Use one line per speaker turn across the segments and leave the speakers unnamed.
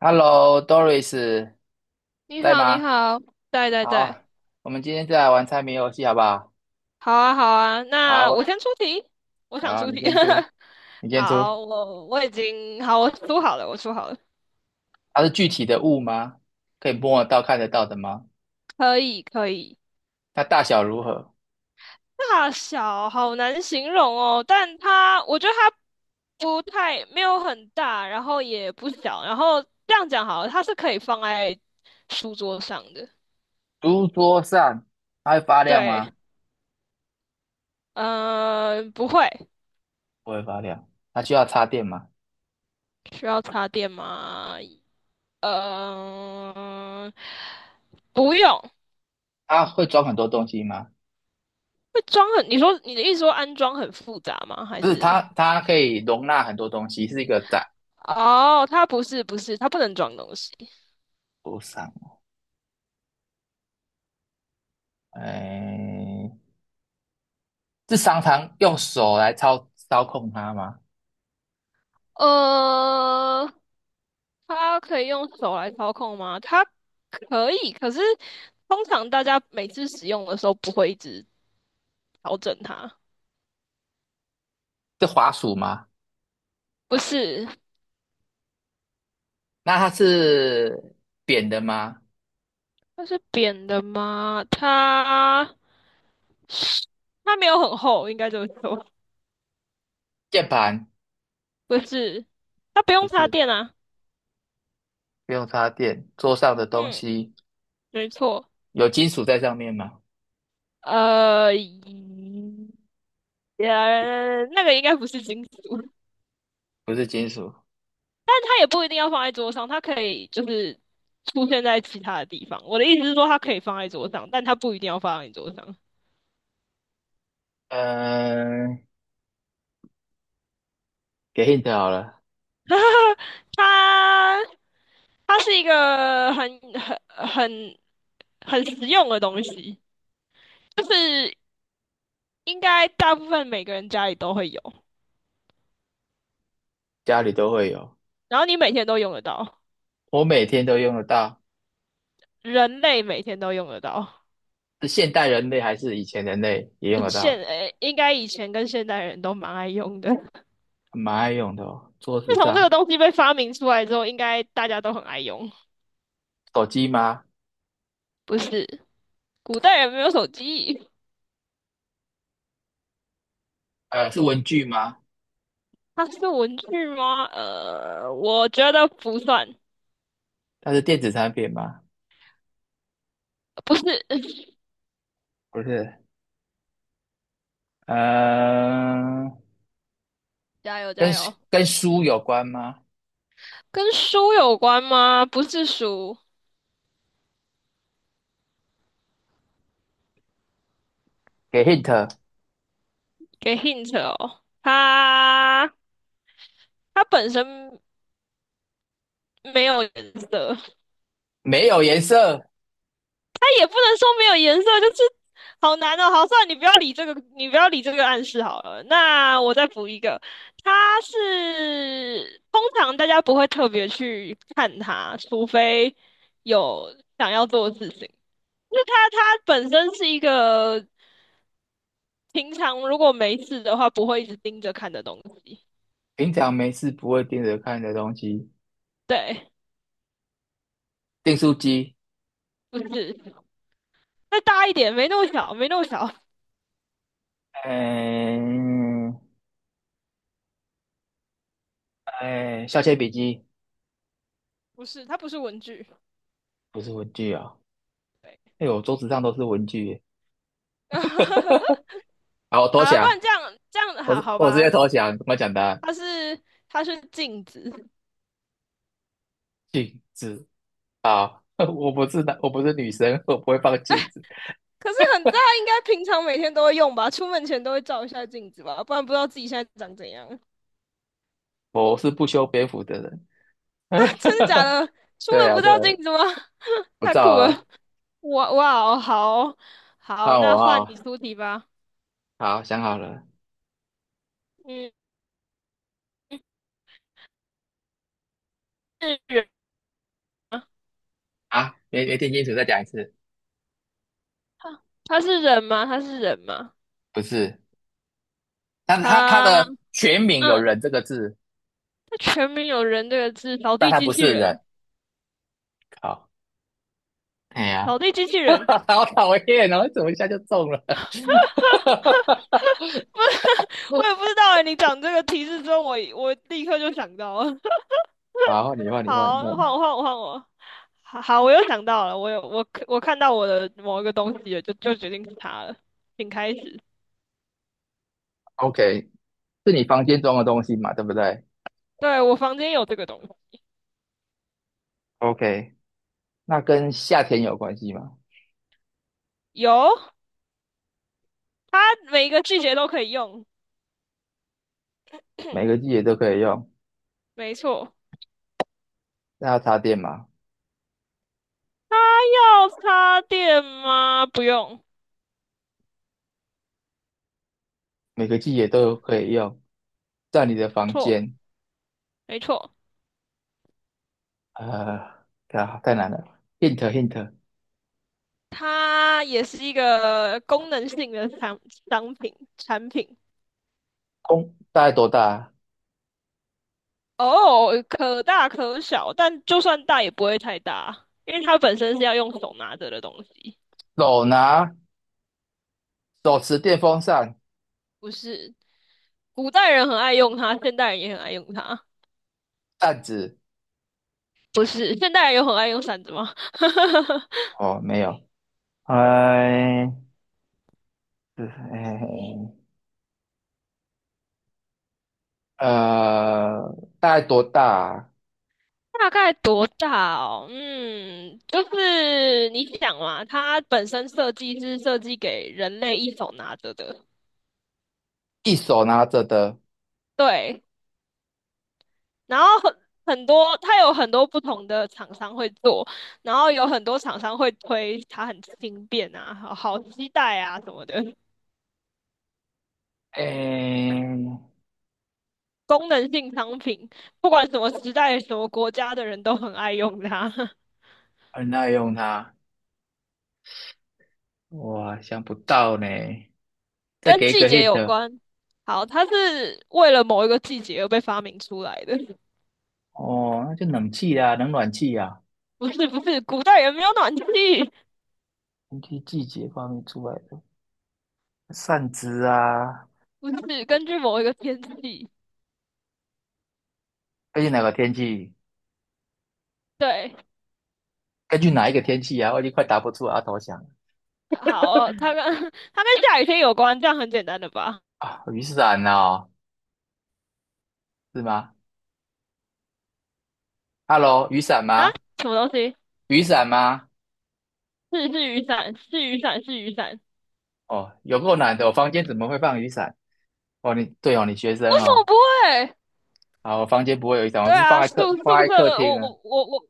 Hello，Doris，
你
在
好，你
吗？
好。对对
好
对。
啊，我们今天再来玩猜谜游戏，好不好？
好啊，好啊，
好，
那我
我，
先出题，我想
好，
出
你
题。
先出，你先出。
好，我出好了，我出好了。
它是具体的物吗？可以摸得到、看得到的吗？
可以可以。
它大小如何？
大小好难形容哦，但它我觉得它不太没有很大，然后也不小，然后这样讲好了，它是可以放在书桌上的。
书桌上，它会发亮吗？
对。嗯、不会。
不会发亮。它需要插电吗？
需要插电吗？嗯、不用。
它会装很多东西吗？
会装很，你说你的意思说安装很复杂吗？还
不是，
是？
它可以容纳很多东西，是一个展
哦，它不是，它不能装东西。
桌上。哎，是常常用手来操控它吗？
呃，它可以用手来操控吗？它可以，可是通常大家每次使用的时候不会一直调整它。
是滑鼠吗？
不是。
那它是扁的吗？
它是扁的吗？它没有很厚，应该这么说。
键盘
不是，它不
不
用插
是，
电啊。
不用插电。桌上的东
嗯，
西
没错。
有金属在上面吗？
呃，
也
那个应该不是金属。
不是金属。
但它也不一定要放在桌上，它可以就是出现在其他的地方。我的意思是说，它可以放在桌上，但它不一定要放在你桌上。
嗯，给 hint 好了，
它它是一个很很实用的东西，就是应该大部分每个人家里都会有，
家里都会有，
然后你每天都用得到，
我每天都用得到。
人类每天都用得到。
是现代人类还是以前人类也用得到？
应该以前跟现代人都蛮爱用的。
蛮爱用的哦。桌
自
子
从这个
上，
东西被发明出来之后，应该大家都很爱用。
手机吗？
不是，古代人没有手机。
呃，是文具吗？
它是文具吗？呃，我觉得不算。
它是电子产品吗？
不是。
不是。呃，
加油
跟
加油！
跟书有关吗？
跟书有关吗？不是书。
给 hint，
给 hint 哦。它它本身没有颜色。
没有颜色。
也不能说没有颜色，就是好难哦。好，算了，你不要理这个，你不要理这个暗示好了。那我再补一个，它是通常大家不会特别去看它，除非有想要做的事情。就是它，它本身是一个平常如果没事的话不会一直盯着看的东西。
平常没事不会盯着看的东西，
对。
订书机，
不是，再大一点，没那么小，没那么小。
嗯，哎，削铅笔机
不是，它不是文具。
不是文具啊、
对。
哎呦，我桌子上都是文具耶。好，我投
好了，不
降，
然这样
我
好
是
好
我直
吧。
接投降，怎么讲的？案，
它是它是镜子。
镜子啊，我不是男，我不是女生，我不会放镜子，
可是很大，应该平常每天都会用吧？出门前都会照一下镜子吧，不然不知道自己现在长怎样。
我是不修边幅的人。
啊，真的假 的？出
对
门
啊，
不
对
照
啊，
镜子吗？
不
太
照
酷
啊，
了！哇哇哦，好哦。
看
好，
我
那换
啊、
你出题吧。
好，想好了
嗯，是人吗？
啊，没没听清楚，再讲一次，
他是人吗？
不是，但是它
他。
的全名有
嗯，
人这个字，
他全名有人这个字，扫
但
地
它
机
不
器
是
人。
人。好，哎呀，
扫地机器人。
好讨厌哦！怎么一下就中了？
我也不知道哎，你讲这个提示之后，我立刻就想到了。
好，你问，你问，你
好，换
问。
我，换我，换我。好，好我又想到了，我看到我的某一个东西了，就决定是它了。请开始。
OK，是你房间装的东西嘛？对不对
对，我房间有这个东西。
？OK，那跟夏天有关系吗？
有。它每一个季节都可以用，
每个季节都可以用。
没错。
那要插电嘛？
它要插电吗？不用。
每个季节都可以用。在你的
没
房
错，
间，
没错。
呃，啊，太难了。Hint hint，
它也是一个功能性的产品。
空大概多大啊
哦，可大可小，但就算大也不会太大，因为它本身是要用手拿着的东西。
手拿手持电风扇、
不是，古代人很爱用它，现代人也很爱用它。
扇子。
不是，现代人有很爱用伞子吗？
哦，没有。哎。是，哎，呃，大概多大啊
大概多大哦？嗯，就是你想嘛，它本身设计是设计给人类一手拿着的。
一手拿着的，
对。然后很多，它有很多不同的厂商会做，然后有很多厂商会推它很轻便啊，好好携带啊什么的，
哎，
功能性商品，不管什么时代、什么国家的人都很爱用它。
很耐用它。哇，想不到呢。再
跟
给一
季
个
节有
hit，
关。好，它是为了某一个季节而被发明出来的。
哦，那就冷气啊，冷暖气啊，
不是，古代人没有暖气。
根据季节方面出来的扇子啊，
不是根据某一个天气。
根据哪个天气？
对。
根据哪一个天气啊？我已经快答不出阿头想了
好，它跟 它跟下雨天有关，这样很简单的吧？
啊，雨伞哦，是吗？Hello，雨伞
啊，
吗？
什么东西？
雨伞吗？
是雨伞，是雨伞，是雨伞。
哦，有够难的，我房间怎么会放雨伞？哦，你对哦，你学
为
生
什么
哦，
不会？
好，我房间不会有一张，我
对
是放
啊。
在
宿
客放
宿
在
舍，
客厅啊。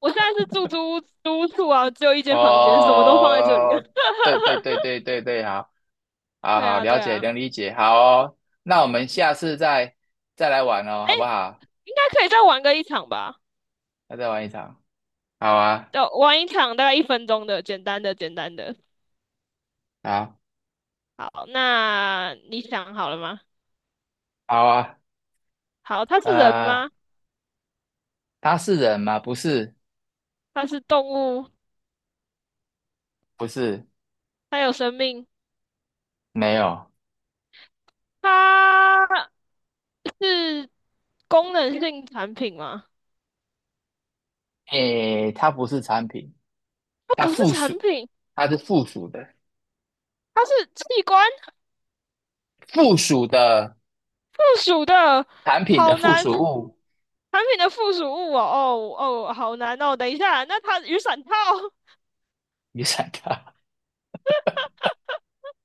我现在是住租屋处啊，只有一间房间，什么都放在这里。
哦，对对对 对对对，好，好
对
好
啊，
了
对
解能
啊。
理解，好哦，那我们
嗯。
下次再来玩哦，
哎，
好不好？
应该可以再玩个一场吧，
那再玩一场，好啊，
就玩一场大概1分钟的，简单的，简单的。
好，
好，那你想好了吗？
好啊，
好，它是人
呃，
吗？
它是人吗？不是，
它是动物？
不是，
它有生命？
没有，
它是功能性产品吗？
诶，它不是产品，
它
它
不是
附属，
产品，
它是附属的，
它是器官
附属的
附属的，
产品的
好
附
难。
属物，
产品的附属物哦，哦哦，好难哦。等一下，那它雨伞套。因
你想它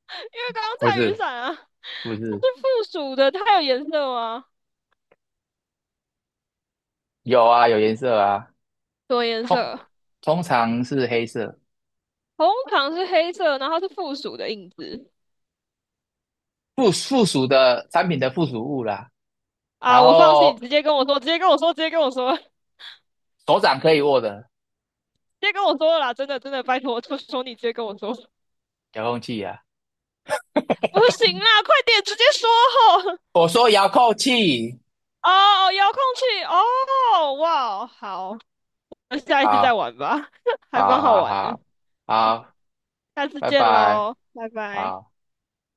为刚刚
不
在雨
是？
伞啊，
不
它是
是，
附属的，它有颜色吗？
有啊，有颜色啊，
什么颜
通
色？
通常是黑色，
红糖是黑色，然后是附属的印子。
附属的产品的附属物啦。
啊！
然
我放弃，
后
直接跟我说，直接跟我说，直接跟我说，直
手掌可以握的
接跟我说了啦！真的真的，拜托，求求你直接跟我说。
遥控器啊，
不行啦，快点直接说吼！
我说遥控器，
哦，遥控器哦，哇哦。好，那下一次再
好，
玩吧。还蛮
好，
好
好，
玩的。
好，
好，
好，
下次
拜
见
拜，
喽，拜拜。
好。